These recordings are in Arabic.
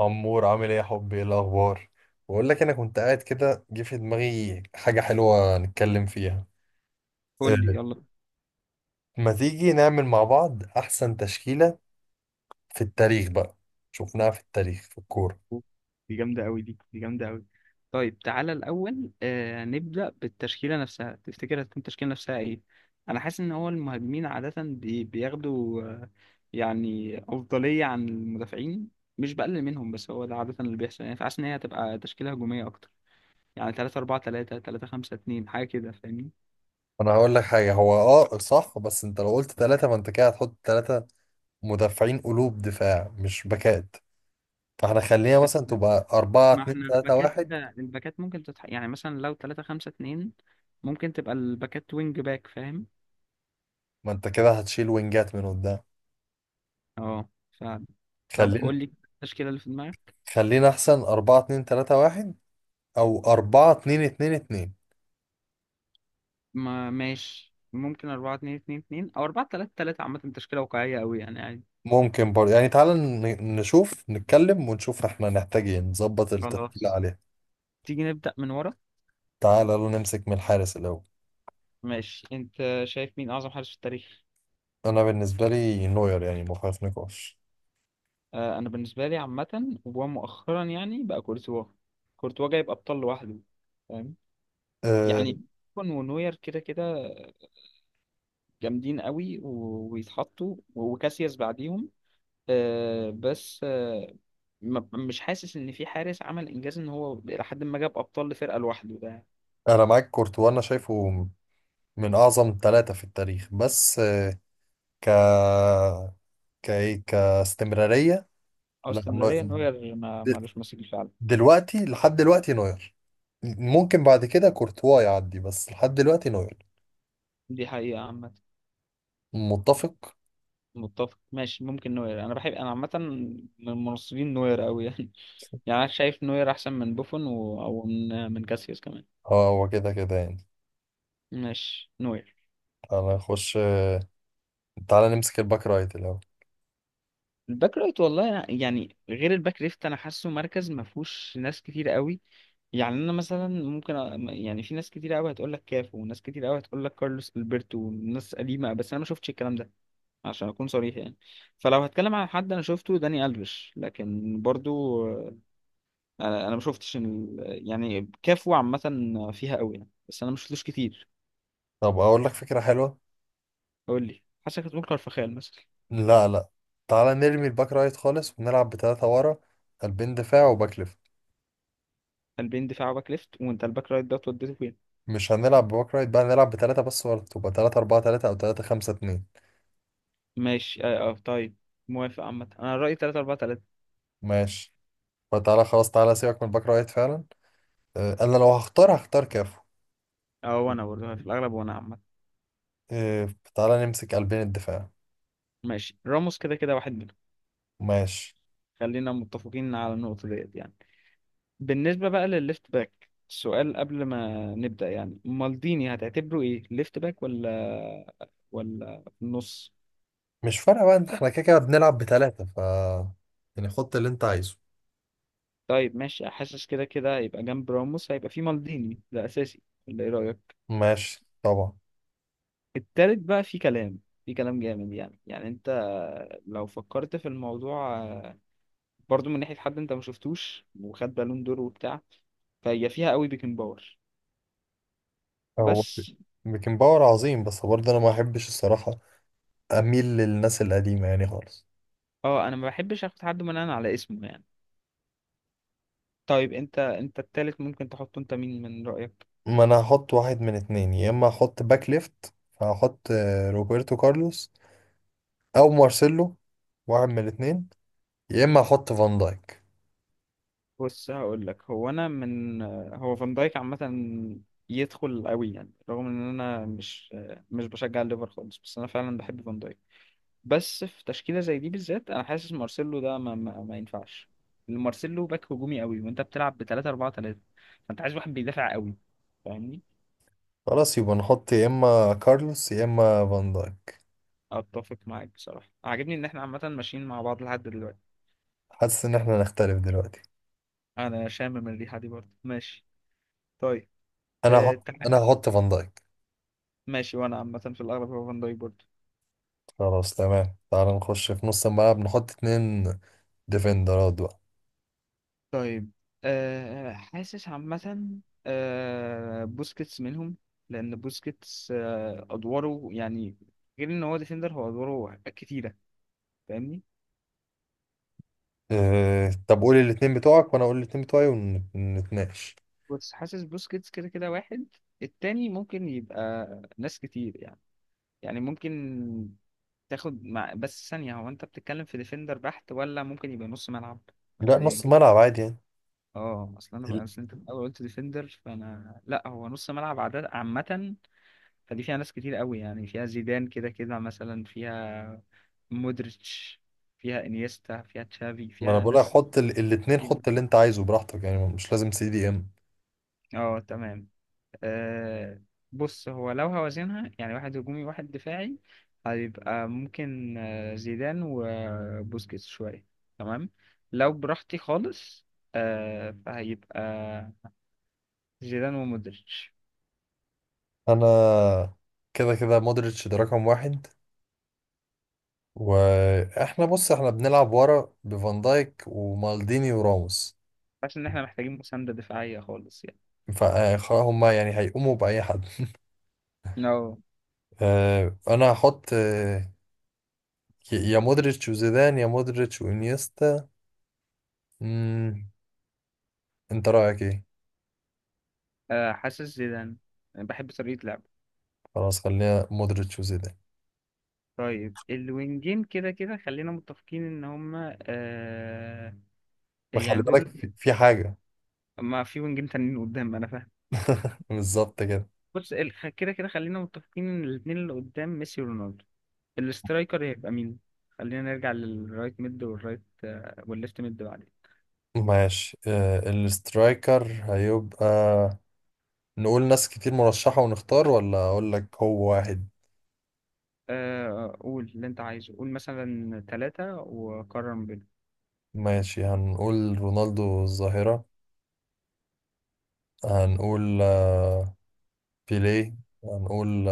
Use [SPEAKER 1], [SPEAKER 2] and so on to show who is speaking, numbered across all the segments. [SPEAKER 1] عمور، عامل ايه يا حبي؟ ايه الاخبار؟ بقول لك انا كنت قاعد كده جه في دماغي حاجه حلوه نتكلم فيها.
[SPEAKER 2] قول لي
[SPEAKER 1] أه،
[SPEAKER 2] يلا.
[SPEAKER 1] ما تيجي نعمل مع بعض احسن تشكيله في التاريخ بقى، شفناها في التاريخ في الكوره.
[SPEAKER 2] دي جامدة أوي، دي جامدة أوي. طيب تعالى الأول، نبدأ بالتشكيلة نفسها. تفتكر هتكون التشكيلة نفسها إيه؟ أنا حاسس إن هو المهاجمين عادة بياخدوا يعني أفضلية عن المدافعين، مش بقلل منهم بس هو ده عادة اللي بيحصل يعني، فحاسس إن هي هتبقى تشكيلة هجومية أكتر. يعني 3 4 3، 3 5 2، حاجة كده، فاهمني؟
[SPEAKER 1] انا هقول لك حاجه، هو اه صح، بس انت لو قلت ثلاثه فانت كده هتحط ثلاثه مدافعين، قلوب دفاع مش باكات، فاحنا خلينا مثلا تبقى 4
[SPEAKER 2] ما
[SPEAKER 1] 2
[SPEAKER 2] احنا
[SPEAKER 1] 3
[SPEAKER 2] الباكات.
[SPEAKER 1] 1.
[SPEAKER 2] الباكات ممكن يعني مثلا لو 3 5 2 ممكن تبقى الباكات وينج باك، فاهم؟
[SPEAKER 1] ما انت كده هتشيل وينجات من قدام.
[SPEAKER 2] اه. طب
[SPEAKER 1] خلينا
[SPEAKER 2] قول لي التشكيلة اللي في دماغك.
[SPEAKER 1] خلينا احسن 4 2 3 1 او 4 2 2 2.
[SPEAKER 2] ما ماشي، ممكن 4 2 2 2 او 4 3 3، عامة تشكيلة واقعية قوي يعني عادي.
[SPEAKER 1] ممكن برضه يعني تعالى نشوف، نتكلم ونشوف احنا نحتاج ايه نظبط التشكيلة
[SPEAKER 2] خلاص.
[SPEAKER 1] عليها.
[SPEAKER 2] تيجي نبدأ من ورا.
[SPEAKER 1] تعالى لو نمسك من الحارس الأول.
[SPEAKER 2] ماشي انت. شايف مين اعظم حارس في التاريخ؟
[SPEAKER 1] أنا بالنسبة لي نوير، يعني ما فيهاش نقاش.
[SPEAKER 2] آه، انا بالنسبة لي عامة ومؤخرا يعني بقى كورتوا. كورتوا جايب ابطال لوحده، فاهم؟
[SPEAKER 1] أه،
[SPEAKER 2] يعني كون ونوير كده كده جامدين قوي، ويتحطوا وكاسياس بعديهم. آه، بس آه، ما- مش حاسس ان في حارس عمل انجاز ان هو لحد ما جاب ابطال لفرقه لوحده ده.
[SPEAKER 1] أنا معاك كورتوا، أنا شايفه من أعظم ثلاثة في التاريخ، بس آه، ك كإيه كاستمرارية.
[SPEAKER 2] او
[SPEAKER 1] لا نو-
[SPEAKER 2] استمراريه، نوير ما
[SPEAKER 1] د-
[SPEAKER 2] مالوش ماسك فعلا.
[SPEAKER 1] دلوقتي، لحد دلوقتي نوير. ممكن بعد كده كورتوا يعدي، بس لحد دلوقتي نوير.
[SPEAKER 2] دي حقيقه عامه.
[SPEAKER 1] متفق.
[SPEAKER 2] متفق. ماشي، ممكن نوير. انا بحب، انا عامه من مناصرين نوير قوي يعني يعني انا شايف نوير احسن من بوفون او من كاسياس كمان.
[SPEAKER 1] اه، هو كده كده يعني.
[SPEAKER 2] ماشي نوير.
[SPEAKER 1] تعالى نخش، تعالى نمسك الباك رايت الأول.
[SPEAKER 2] الباك رايت، يعني غير الباك ليفت انا حاسه مركز ما فيهوش ناس كتير قوي. يعني انا مثلا يعني في ناس كتير قوي هتقول لك كافو، وناس كتير قوي هتقول لك كارلوس البرتو وناس قديمه، بس انا ما شفتش الكلام ده عشان اكون صريح يعني. فلو هتكلم عن حد انا شفته داني الفيش، لكن برضو انا ما شفتش ال- يعني كافو عامه فيها قوي يعني، بس انا ما شفتوش كتير.
[SPEAKER 1] طب اقول لك فكرة حلوة.
[SPEAKER 2] قول لي، حاسسك هتقول كارفخال مثلا.
[SPEAKER 1] لا لا، تعالى نرمي الباك رايت خالص ونلعب بتلاتة ورا، قلبين دفاع وباك ليفت.
[SPEAKER 2] قلبين دفاع وباك ليفت، وانت الباك رايت ده وديته فين؟
[SPEAKER 1] مش هنلعب بباك رايت بقى، نلعب بتلاتة بس ورا، تبقى تلاتة أربعة تلاتة أو تلاتة خمسة اتنين.
[SPEAKER 2] ماشي طيب. موافق عامه، انا رايي 3 4 3.
[SPEAKER 1] ماشي، فتعالى خلاص، تعالى سيبك من الباك رايت فعلا. أنا لو هختار، هختار كافو.
[SPEAKER 2] اه وانا برضه في الاغلب، وانا عامه.
[SPEAKER 1] آه، تعالى نمسك قلبين الدفاع.
[SPEAKER 2] ماشي راموس كده كده واحد منهم.
[SPEAKER 1] ماشي.
[SPEAKER 2] خلينا متفقين على النقطة ديت يعني. بالنسبة بقى للليفت باك، السؤال قبل ما نبدأ يعني مالديني هتعتبره ايه، ليفت باك ولا في النص؟
[SPEAKER 1] مش فارقة بقى، احنا كده كده بنلعب بتلاتة، ف يعني حط اللي انت عايزه.
[SPEAKER 2] طيب ماشي، حاسس كده كده هيبقى جنب راموس هيبقى في مالديني ده أساسي، ولا ايه رأيك؟
[SPEAKER 1] ماشي طبعا.
[SPEAKER 2] التالت بقى في كلام، في كلام جامد يعني، يعني انت لو فكرت في الموضوع برضو من ناحية حد انت ما شفتوش وخد بالون دور وبتاع، فهي فيها قوي بيكن باور
[SPEAKER 1] هو
[SPEAKER 2] بس.
[SPEAKER 1] بيكن باور عظيم، بس برضه انا ما احبش الصراحة، اميل للناس القديمه يعني خالص.
[SPEAKER 2] اه، انا ما بحبش اخد حد من انا على اسمه يعني. طيب انت، التالت ممكن تحطه انت، مين من رأيك؟
[SPEAKER 1] ما انا هحط واحد من اتنين، يا اما احط باك ليفت فهحط روبرتو كارلوس او مارسيلو، واحد من الاتنين، يا اما احط فان دايك.
[SPEAKER 2] بص هقول لك، هو انا من هو فان دايك عامة يدخل قوي يعني، رغم ان انا مش بشجع الليفر خالص، بس انا فعلا بحب فان دايك. بس في تشكيلة زي دي بالذات انا حاسس مارسيلو ده ما ينفعش. مارسيلو باك هجومي قوي، وانت بتلعب ب 3 4 3، فانت عايز واحد بيدافع قوي، فاهمني؟
[SPEAKER 1] خلاص يبقى نحط يا اما كارلوس يا اما فان دايك.
[SPEAKER 2] اتفق معاك بصراحة، عاجبني ان احنا عامة ماشيين مع بعض لحد دلوقتي.
[SPEAKER 1] حاسس ان احنا نختلف دلوقتي.
[SPEAKER 2] انا شامم الريحة دي برضه، ماشي. طيب
[SPEAKER 1] انا
[SPEAKER 2] أه،
[SPEAKER 1] هحط انا هحط فان دايك.
[SPEAKER 2] ماشي، وانا عامة في الاغلب هو فان دايك برضه.
[SPEAKER 1] خلاص تمام، تعال نخش في نص الملعب، نحط اتنين ديفندرات بقى.
[SPEAKER 2] طيب حاسس عامة بوسكيتس منهم، لان بوسكيتس ادواره يعني غير ان هو ديفندر، هو ادواره كتيرة، فاهمني؟
[SPEAKER 1] طب قول الاتنين بتوعك وانا اقول الاتنين بتوعي ونتناقش.
[SPEAKER 2] بس حاسس بوسكيتس كده كده واحد، التاني ممكن يبقى ناس كتير يعني، يعني ممكن تاخد مع، بس ثانية، هو انت بتتكلم في ديفندر بحت ولا ممكن يبقى نص ملعب،
[SPEAKER 1] لا،
[SPEAKER 2] مبدئيا
[SPEAKER 1] نص
[SPEAKER 2] كده؟
[SPEAKER 1] ملعب عادي.
[SPEAKER 2] اه، اصل انا بقى
[SPEAKER 1] يعني
[SPEAKER 2] اصل انت الاول قلت ديفندر فانا لا، هو نص ملعب عدد عامة. فدي فيها ناس كتير قوي يعني، فيها زيدان كده كده مثلا، فيها مودريتش، فيها انيستا، فيها تشافي،
[SPEAKER 1] ما انا
[SPEAKER 2] فيها
[SPEAKER 1] بقولها،
[SPEAKER 2] ناس
[SPEAKER 1] حط الاتنين،
[SPEAKER 2] كتير
[SPEAKER 1] حط
[SPEAKER 2] جدا.
[SPEAKER 1] اللي انت عايزه براحتك، يعني مش لازم سي دي ام.
[SPEAKER 2] اه تمام. آه بص، هو لو هوازنها يعني واحد هجومي واحد دفاعي، هيبقى ممكن زيدان وبوسكيتس شوية. تمام. لو براحتي خالص، فهيبقى زيدان ومودريتش.
[SPEAKER 1] انا كده كده مودريتش ده رقم واحد. واحنا بص احنا بنلعب ورا بفان دايك ومالديني وراموس،
[SPEAKER 2] حاسس ان احنا محتاجين مساندة دفاعية خالص يعني.
[SPEAKER 1] فهم يعني هيقوموا بأي حد.
[SPEAKER 2] No.
[SPEAKER 1] انا هحط يا مودريتش وزيدان يا مودريتش وانيستا. مم، انت رأيك ايه؟
[SPEAKER 2] حاسس زيدان، بحب طريقة لعبه.
[SPEAKER 1] خلاص خلينا مودريتش وزيدان.
[SPEAKER 2] طيب الوينجين كده كده خلينا متفقين ان هما
[SPEAKER 1] ما خلي
[SPEAKER 2] يعني
[SPEAKER 1] بالك
[SPEAKER 2] دول.
[SPEAKER 1] في حاجة.
[SPEAKER 2] ما في وينجين تانيين قدام، انا فاهم.
[SPEAKER 1] بالظبط كده.
[SPEAKER 2] بص، كده كده خلينا متفقين ان الاتنين اللي قدام ميسي ورونالدو، الاسترايكر هيبقى مين؟ خلينا نرجع للرايت ميد والرايت والليفت ميد بعدين.
[SPEAKER 1] ماشي. الاسترايكر هيبقى، نقول ناس كتير مرشحة ونختار، ولا أقول لك هو واحد؟
[SPEAKER 2] قول اللي انت عايزه، قول مثلا ثلاثة وقرر ما بينهم.
[SPEAKER 1] ماشي، هنقول رونالدو الظاهرة، هنقول بيليه، هنقول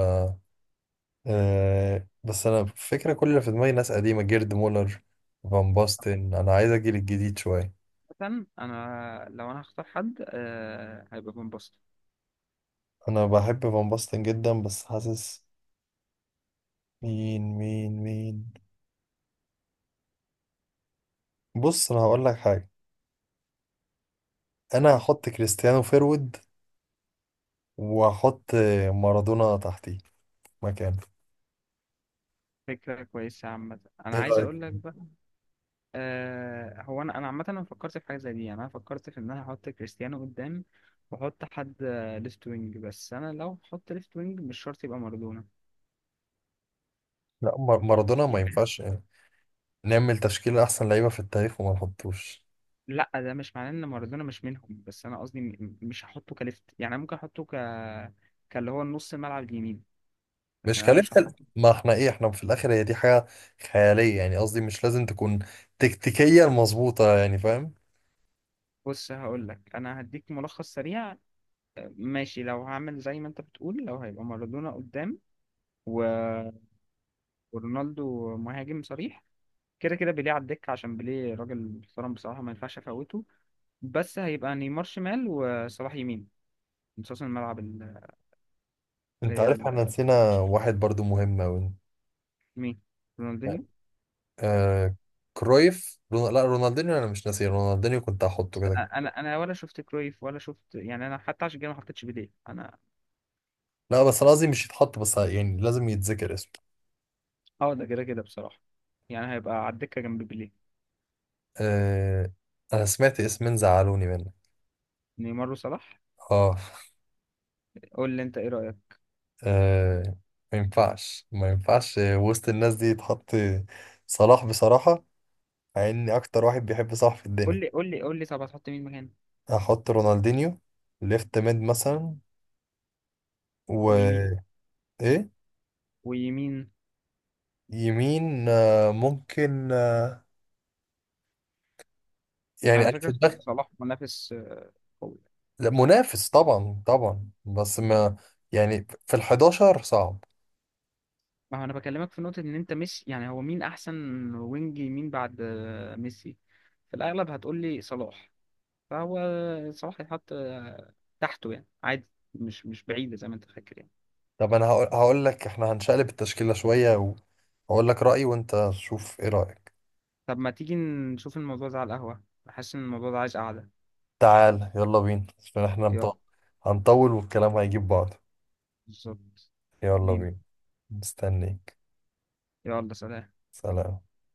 [SPEAKER 1] بس أنا فكرة كل اللي في دماغي ناس قديمة، جيرد مولر، فان باستن. أنا عايز أجيل الجديد شوية.
[SPEAKER 2] مثلا انا لو هختار حد هيبقى فان باستن.
[SPEAKER 1] أنا بحب فان باستن جدا، بس حاسس، مين. بص أنا هقول لك حاجة،
[SPEAKER 2] قول
[SPEAKER 1] أنا
[SPEAKER 2] لي.
[SPEAKER 1] هحط كريستيانو فيرود، واحط مارادونا تحتيه مكانه.
[SPEAKER 2] فكرة كويسة عامة، انا
[SPEAKER 1] ايه
[SPEAKER 2] عايز
[SPEAKER 1] رأيك؟
[SPEAKER 2] اقول لك. هو انا عامه، انا فكرت في حاجه زي دي يعني، انا فكرت في ان انا احط كريستيانو قدام، واحط حد ليفت وينج، بس انا لو احط ليفت وينج مش شرط يبقى مارادونا
[SPEAKER 1] لا مارادونا ما
[SPEAKER 2] يعني.
[SPEAKER 1] ينفعش. نعمل تشكيل احسن لعيبة في التاريخ وما نحطوش؟
[SPEAKER 2] لا، ده مش معناه ان مارادونا مش منهم، بس انا قصدي مش هحطه كليفت يعني. أنا ممكن احطه ك، كاللي هو النص الملعب اليمين، لكن
[SPEAKER 1] مش
[SPEAKER 2] انا مش
[SPEAKER 1] كلفة
[SPEAKER 2] هحط.
[SPEAKER 1] ال- ما احنا ايه، احنا في الاخر هي دي حاجة خيالية يعني، قصدي مش لازم تكون تكتيكيا مظبوطة، يعني فاهم.
[SPEAKER 2] بص هقول لك، انا هديك ملخص سريع. ماشي، لو هعمل زي ما انت بتقول، لو هيبقى مارادونا قدام و... ورونالدو مهاجم صريح، كده كده بيليه على الدكة عشان بيليه راجل محترم بصراحة ما ينفعش افوته، بس هيبقى نيمار شمال وصلاح يمين نصاص الملعب اللي
[SPEAKER 1] انت
[SPEAKER 2] هي
[SPEAKER 1] عارف
[SPEAKER 2] ال-
[SPEAKER 1] احنا نسينا واحد برضو مهم اوي.
[SPEAKER 2] مين؟ رونالدينيو؟
[SPEAKER 1] آه، كرويف رون... لا رونالدينيو، انا مش ناسي رونالدينيو، كنت هحطه
[SPEAKER 2] بس
[SPEAKER 1] كده كده.
[SPEAKER 2] انا، ولا شفت كرويف ولا شفت يعني، انا حتى عشان كده ما حطيتش بيليه انا.
[SPEAKER 1] لا بس انا قصدي مش يتحط، بس يعني لازم يتذكر اسمه.
[SPEAKER 2] اه، ده كده كده بصراحة، يعني هيبقى على الدكة جنب بيليه.
[SPEAKER 1] آه... انا سمعت اسمين زعلوني منه.
[SPEAKER 2] نيمار وصلاح.
[SPEAKER 1] اه.
[SPEAKER 2] قول لي انت ايه رأيك.
[SPEAKER 1] آه، ما ينفعش وسط الناس دي يتحط صلاح، بصراحة، مع اني اكتر واحد بيحب صلاح في الدنيا.
[SPEAKER 2] قول لي، طب هتحط مين مكان؟
[SPEAKER 1] هحط رونالدينيو ليفت ميد مثلا،
[SPEAKER 2] ويمين؟
[SPEAKER 1] و ايه؟
[SPEAKER 2] ويمين.
[SPEAKER 1] يمين ممكن، يعني
[SPEAKER 2] على
[SPEAKER 1] انا في
[SPEAKER 2] فكرة
[SPEAKER 1] دماغي.
[SPEAKER 2] صلاح منافس قوي.
[SPEAKER 1] لا، منافس طبعا طبعا، بس ما يعني في ال 11 صعب.
[SPEAKER 2] ما هو انا بكلمك في نقطة ان انت، مش يعني هو مين احسن وينج يمين بعد ميسي؟ في الاغلب هتقول لي صلاح. فهو صلاح يتحط تحته يعني عادي، مش بعيدة زي ما انت فاكر يعني.
[SPEAKER 1] طب انا هقول لك، احنا هنشقلب التشكيلة شوية وهقول لك رأيي وانت شوف ايه رأيك.
[SPEAKER 2] طب ما تيجي نشوف الموضوع ده على القهوة، بحس ان الموضوع ده عايز قعدة.
[SPEAKER 1] تعال يلا بينا عشان احنا
[SPEAKER 2] يلا.
[SPEAKER 1] هنطول والكلام هيجيب بعض.
[SPEAKER 2] بالظبط.
[SPEAKER 1] يلا
[SPEAKER 2] بينا.
[SPEAKER 1] بينا. مستنيك.
[SPEAKER 2] يلا. سلام.
[SPEAKER 1] سلام.